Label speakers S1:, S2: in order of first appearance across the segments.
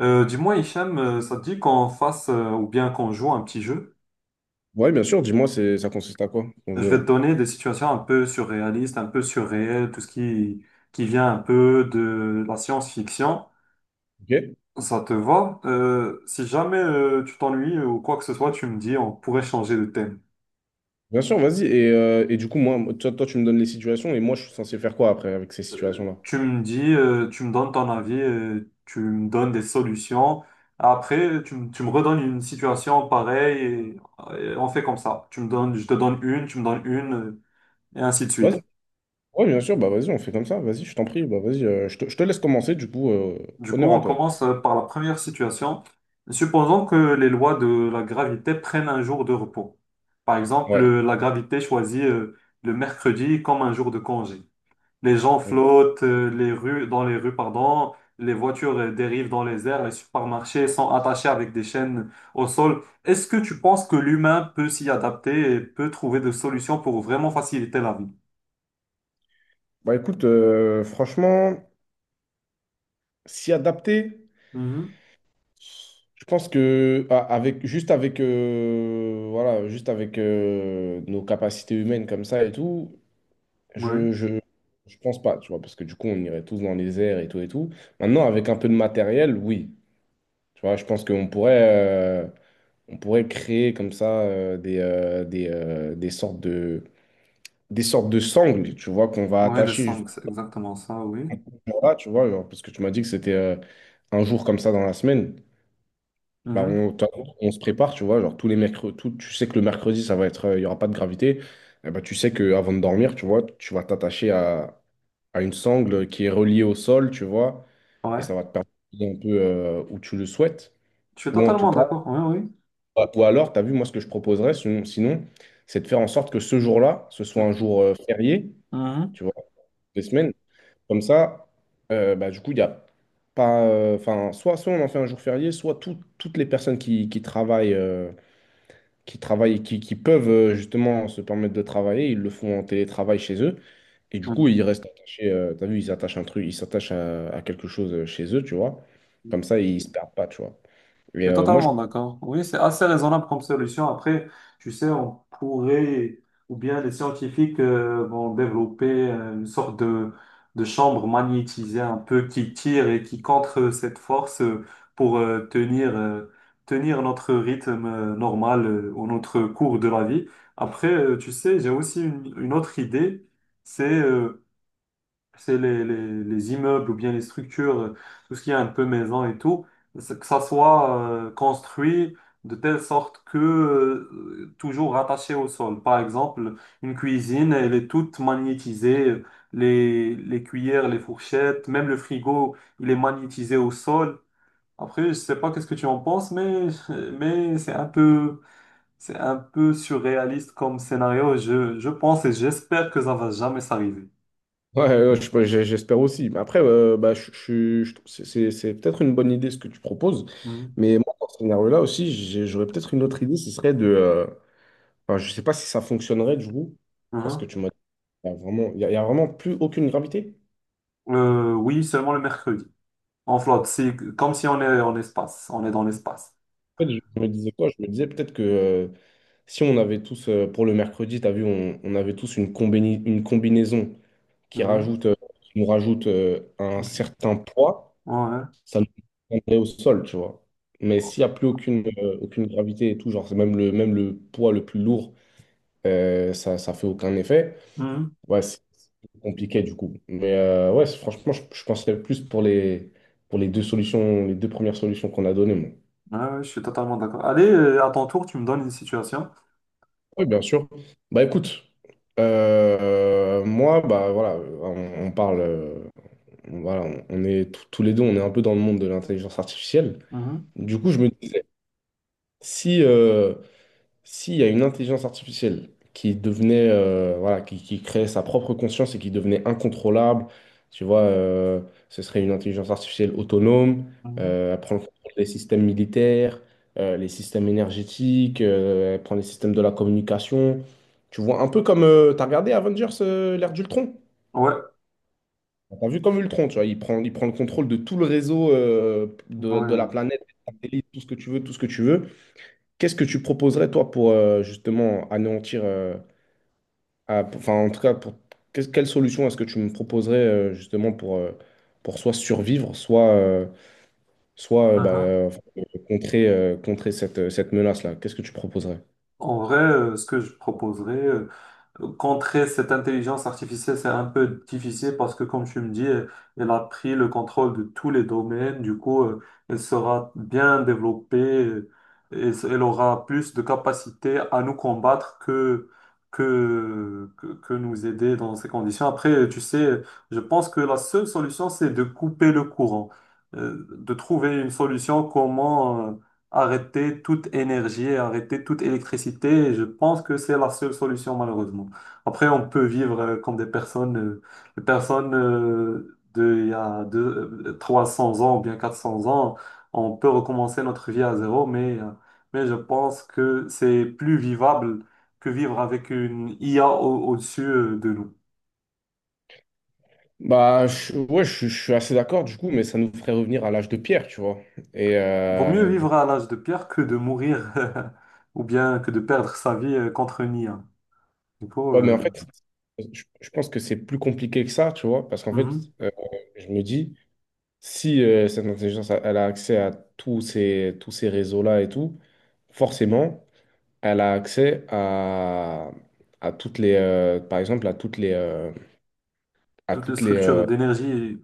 S1: Dis-moi, Hicham, ça te dit qu'on fasse ou bien qu'on joue un petit jeu?
S2: Ouais, bien sûr, dis-moi, ça consiste à quoi, ton
S1: Je
S2: jeu
S1: vais
S2: là?
S1: te donner des situations un peu surréalistes, un peu surréelles, tout ce qui vient un peu de la science-fiction.
S2: Ok?
S1: Ça te va? Si jamais tu t'ennuies ou quoi que ce soit, tu me dis, on pourrait changer de thème.
S2: Bien sûr, vas-y. Et du coup, moi, toi, tu me donnes les situations et moi, je suis censé faire quoi après avec ces situations-là?
S1: Tu me donnes ton avis, tu me donnes des solutions. Après, tu me redonnes une situation pareille et on fait comme ça. Tu me donnes, je te donne une, tu me donnes une, et ainsi de
S2: Vas-y.
S1: suite.
S2: Ouais, bien sûr, bah vas-y, on fait comme ça. Vas-y, je t'en prie. Bah vas-y, je te laisse commencer, du coup,
S1: Du coup,
S2: honneur à
S1: on
S2: toi.
S1: commence par la première situation. Supposons que les lois de la gravité prennent un jour de repos. Par exemple,
S2: Ouais.
S1: la gravité choisit le mercredi comme un jour de congé. Les gens
S2: Ok.
S1: flottent dans les rues, pardon, les voitures dérivent dans les airs, les supermarchés sont attachés avec des chaînes au sol. Est-ce que tu penses que l'humain peut s'y adapter et peut trouver des solutions pour vraiment faciliter la vie?
S2: Bah écoute, franchement, s'y adapter,
S1: Mhm.
S2: je pense que avec juste avec voilà, juste avec nos capacités humaines comme ça et tout.
S1: Oui.
S2: Je, je, je pense pas, tu vois, parce que du coup, on irait tous dans les airs et tout et tout. Maintenant, avec un peu de matériel, oui. Tu vois, je pense qu'on pourrait, on pourrait créer comme ça des sortes de sangles, tu vois, qu'on va
S1: Ouais, des
S2: attacher juste
S1: sangs, c'est exactement ça, oui.
S2: là, tu vois, genre, parce que tu m'as dit que c'était un jour comme ça dans la semaine. Bah,
S1: Mhm.
S2: on, t'as- on se prépare, tu vois, genre tous les mercredis, tu sais que le mercredi, ça va être, il y n'y aura pas de gravité. Eh bah, tu sais qu'avant de dormir, tu vois, tu vas t'attacher à une sangle qui est reliée au sol, tu vois, et
S1: Ouais.
S2: ça va te permettre d'aller un peu où tu le souhaites.
S1: Je suis
S2: Ou en tout
S1: totalement
S2: cas,
S1: d'accord, oui,
S2: ou alors, tu as vu, moi, ce que je proposerais, sinon, c'est de faire en sorte que ce jour-là, ce
S1: oui.
S2: soit un jour férié,
S1: Mhm.
S2: tu vois, des semaines. Comme ça, bah, du coup, il y a pas. Enfin, soit on en fait un jour férié, soit toutes les personnes qui travaillent, qui travaillent, qui peuvent justement se permettre de travailler, ils le font en télétravail chez eux. Et du coup,
S1: Mhm.
S2: ils restent attachés. T'as vu, ils attachent un truc, ils s'attachent à quelque chose chez eux, tu vois. Comme ça, ils se perdent pas, tu vois. Et
S1: Je suis totalement d'accord. Oui, c'est assez raisonnable comme solution. Après, tu sais, ou bien les scientifiques vont développer une sorte de chambre magnétisée un peu qui tire et qui contre cette force pour tenir notre rythme normal ou notre cours de la vie. Après, tu sais, j'ai aussi une autre idée, c'est euh, c'est les immeubles ou bien les structures, tout ce qui est un peu maison et tout, c'est que ça soit construit de telle sorte que toujours rattaché au sol. Par exemple, une cuisine, elle est toute magnétisée, les cuillères, les fourchettes, même le frigo, il est magnétisé au sol. Après, je sais pas qu'est-ce que tu en penses, mais, mais c'est un peu surréaliste comme scénario. Je pense et j'espère que ça va jamais s'arriver.
S2: Ouais, ouais, j'espère aussi. Mais après, bah, c'est c'est peut-être une bonne idée ce que tu proposes.
S1: Mhm.
S2: Mais moi, dans ce scénario-là aussi, j'aurais peut-être une autre idée. Ce serait de. Enfin, je sais pas si ça fonctionnerait, du coup. Parce que
S1: Mhm.
S2: tu m'as dit, il y a vraiment, il y a vraiment plus aucune gravité.
S1: Oui, seulement le mercredi. En flotte, c'est comme si on est en espace. On est dans l'espace.
S2: Fait, je me disais quoi? Je me disais peut-être que si on avait tous, pour le mercredi, tu as vu, on avait tous une une combinaison qui
S1: Mhm.
S2: rajoute, qui nous rajoute un
S1: Ok.
S2: certain poids,
S1: Ouais.
S2: ça nous prendrait au sol, tu vois. Mais s'il n'y a plus aucune gravité et tout, genre c'est même même le poids le plus lourd, euh, ça fait aucun effet.
S1: Mhm.
S2: Ouais, c'est compliqué du coup. Mais ouais, c'est- franchement, je penserais plus pour les deux solutions, les deux premières solutions qu'on a données, moi.
S1: Ouais, ouais, je suis totalement d'accord. Allez, à ton tour, tu me donnes une situation.
S2: Oui, bien sûr. Bah écoute, moi, bah voilà, on parle, voilà, on est tous tous les deux, on est un peu dans le monde de l'intelligence artificielle.
S1: Mhm.
S2: Du coup, je me disais, si, s'il y a une intelligence artificielle qui devenait, voilà, qui créait sa propre conscience et qui devenait incontrôlable, tu vois, ce serait une intelligence artificielle autonome,
S1: Mhm.
S2: elle prend le contrôle des systèmes militaires, les systèmes énergétiques, elle prend les systèmes de la communication. Tu vois, un peu comme, t'as regardé Avengers, l'ère d'Ultron?
S1: Ouais.
S2: T'as vu comme Ultron, tu vois, il prend le contrôle de tout le réseau, euh,
S1: Ouais,
S2: de, de la
S1: ouais.
S2: planète, des satellites, tout ce que tu veux, tout ce que tu veux. Qu'est-ce que tu proposerais, toi, pour justement anéantir, enfin, en tout cas, pour, quelle solution est-ce que tu me proposerais, justement, pour soit survivre,
S1: Mhm.
S2: enfin, contrer, contrer cette, cette menace-là? Qu'est-ce que tu proposerais?
S1: En vrai, ce que je proposerais, contrer cette intelligence artificielle, c'est un peu difficile parce que, comme tu me dis, elle a pris le contrôle de tous les domaines. Du coup, elle sera bien développée euh, et elle aura plus de capacité à nous combattre que nous aider dans ces conditions. Après, tu sais, je pense que la seule solution, c'est de couper le courant, de trouver une solution comment arrêter toute énergie, arrêter toute électricité. Et je pense que c'est la seule solution, malheureusement. Après, on peut vivre comme des personnes, de, il y a 300 ans ou bien 400 ans. On peut recommencer notre vie à zéro, mais je pense que c'est plus vivable que vivre avec une IA au-dessus de nous.
S2: Ouais, je suis assez d'accord, du coup, mais ça nous ferait revenir à l'âge de pierre, tu vois. Et
S1: Vaut mieux
S2: du
S1: vivre
S2: coup,
S1: à l'âge de pierre que de mourir ou bien que de perdre sa vie contre une IA. Du coup,
S2: ouais, mais en
S1: euh,
S2: fait, je pense que c'est plus compliqué que ça, tu vois, parce qu'en fait,
S1: Mhm.
S2: euh, je me dis. Si cette intelligence, elle a accès à tous ces réseaux-là et tout, forcément, elle a accès à toutes les, par exemple, à toutes les, à
S1: Toute la
S2: toutes
S1: structure d'énergie.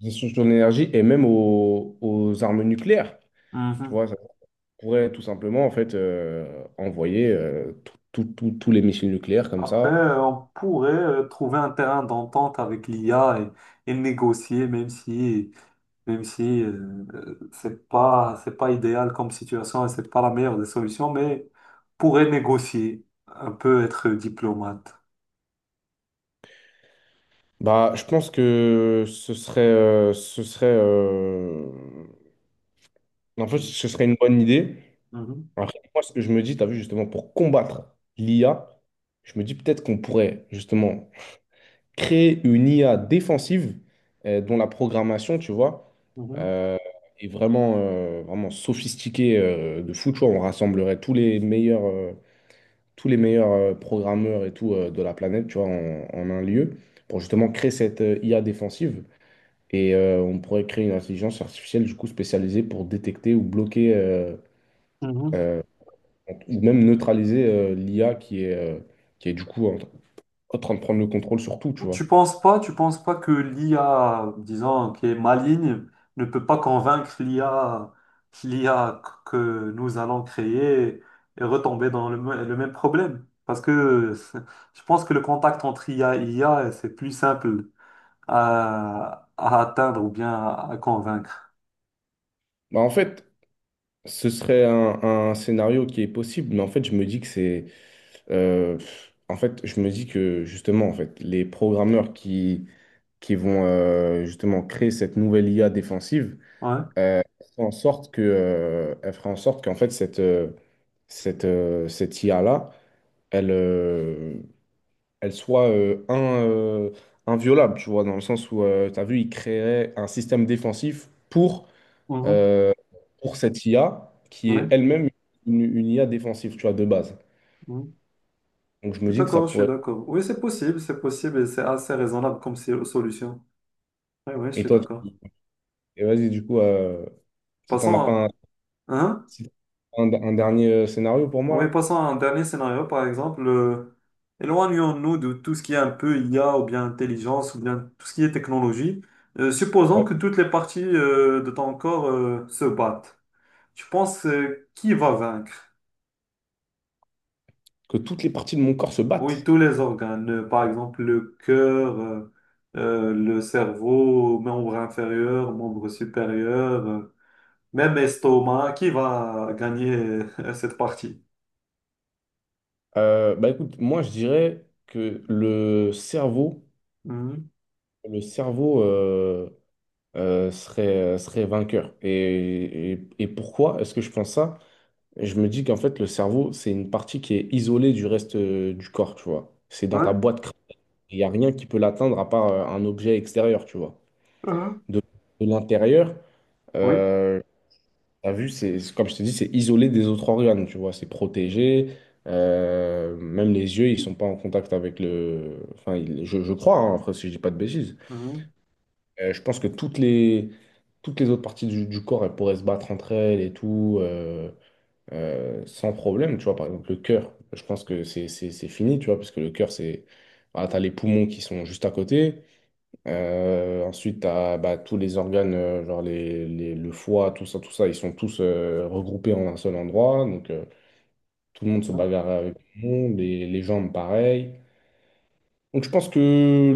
S2: les sources d'énergie et même aux armes nucléaires. Tu
S1: Mhm.
S2: vois, ça pourrait tout simplement en fait envoyer tous les missiles nucléaires comme
S1: Après,
S2: ça.
S1: on pourrait trouver un terrain d'entente avec l'IA et négocier, même si c'est pas idéal comme situation et c'est pas la meilleure des solutions, mais pourrait négocier, un peu être diplomate.
S2: Bah, je pense que ce en fait,
S1: Mhm.
S2: ce serait une bonne idée.
S1: Mhm.
S2: Après, moi, ce que je me dis, tu as vu, justement, pour combattre l'IA, je me dis peut-être qu'on pourrait, justement, créer une IA défensive dont la programmation, tu vois,
S1: Mhm.
S2: euh, est vraiment, vraiment sophistiquée de fou, tu vois. On rassemblerait tous les meilleurs programmeurs et tout de la planète, tu vois, en un lieu pour justement créer cette IA défensive. Et on pourrait créer une intelligence artificielle, du coup, spécialisée pour détecter ou bloquer...
S1: Mhm.
S2: euh, donc, même neutraliser l'IA qui est du coup en, en train de prendre le contrôle sur tout, tu vois.
S1: Tu penses pas que l'IA, disons, qui est maligne, ne peut pas convaincre l'IA, l'IA que nous allons créer et retomber dans le même problème? Je pense que le contact entre IA et IA, c'est plus simple à atteindre ou bien à convaincre.
S2: Bah, en fait, ce serait un scénario qui est possible, mais en fait, je me dis que euh, en fait, je me dis que justement, en fait, les programmeurs qui vont justement créer cette nouvelle IA défensive
S1: Ouais.
S2: euh, font en sorte que, elle fera en sorte qu'en fait, cette IA-là, elle, euh, elle soit euh, inviolable, tu vois, dans le sens où, tu as vu, il créerait un système défensif
S1: Mhm.
S2: euh, pour cette IA qui est
S1: Ouais.
S2: elle-même une IA défensive, tu vois, de base.
S1: Mhm.
S2: Donc je
S1: Je
S2: me
S1: suis
S2: dis que ça
S1: d'accord, je suis
S2: pourrait...
S1: d'accord. Oui, c'est possible et c'est assez raisonnable comme solution. Oui, oui, je
S2: Et
S1: suis
S2: toi, tu-
S1: d'accord.
S2: et vas-y, du coup, si t'en
S1: Passons
S2: as pas un,
S1: à, hein, hein?
S2: si t'as un dernier scénario pour
S1: Oui,
S2: moi,
S1: passons à un dernier scénario, par exemple. Éloignons-nous de tout ce qui est un peu IA ou bien intelligence ou bien tout ce qui est technologie. Supposons
S2: là. Ouais.
S1: que toutes les parties de ton corps se battent. Tu penses qui va vaincre?
S2: Que toutes les parties de mon corps se
S1: Oui,
S2: battent.
S1: tous les organes, par exemple le cœur, le cerveau, membre inférieur, membre supérieur, même estomac. Qui va gagner cette partie?
S2: Bah écoute, moi je dirais que
S1: Mhm.
S2: le cerveau, euh, serait, serait vainqueur. Et, et pourquoi est-ce que je pense ça? Je me dis qu'en fait, le cerveau, c'est une partie qui est isolée du reste du corps, tu vois. C'est dans ta
S1: Ouais.
S2: boîte crânienne. Il n'y a rien qui peut l'atteindre à part un objet extérieur, tu vois.
S1: Mhm.
S2: De, de l'intérieur,
S1: Oui.
S2: euh, t'as vu, comme je te dis, c'est isolé des autres organes, tu vois. C'est protégé. Euh, même les yeux, ils sont pas en contact avec le. Enfin, je crois, hein, après, si je dis pas de bêtises.
S1: Mhm.
S2: Je pense que toutes les autres parties du corps, elles pourraient se battre entre elles et tout, sans problème, tu vois. Par exemple, le cœur, je pense que c'est fini, tu vois, parce que le cœur, c'est... Voilà, t'as les poumons qui sont juste à côté. Ensuite, t'as bah, tous les organes, genre le foie, tout ça, ils sont tous regroupés en un seul endroit. Donc, tout le monde se bagarre avec tout le monde, les jambes, pareil. Donc je pense que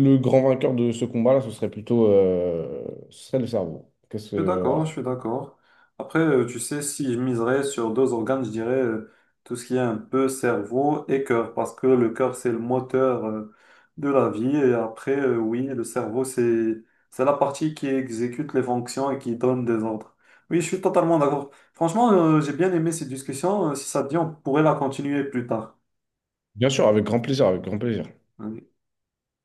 S2: le grand vainqueur de ce combat-là, ce serait plutôt ce serait le cerveau. Qu'est-ce
S1: Je suis
S2: que-
S1: d'accord,
S2: voilà.
S1: je suis d'accord. Après, tu sais, si je miserais sur deux organes, je dirais tout ce qui est un peu cerveau et cœur, parce que le cœur, c'est le moteur de la vie. Et après, oui, le cerveau, c'est la partie qui exécute les fonctions et qui donne des ordres. Oui, je suis totalement d'accord. Franchement, j'ai bien aimé cette discussion. Si ça te dit, on pourrait la continuer plus tard.
S2: Bien sûr, avec grand plaisir, avec grand plaisir.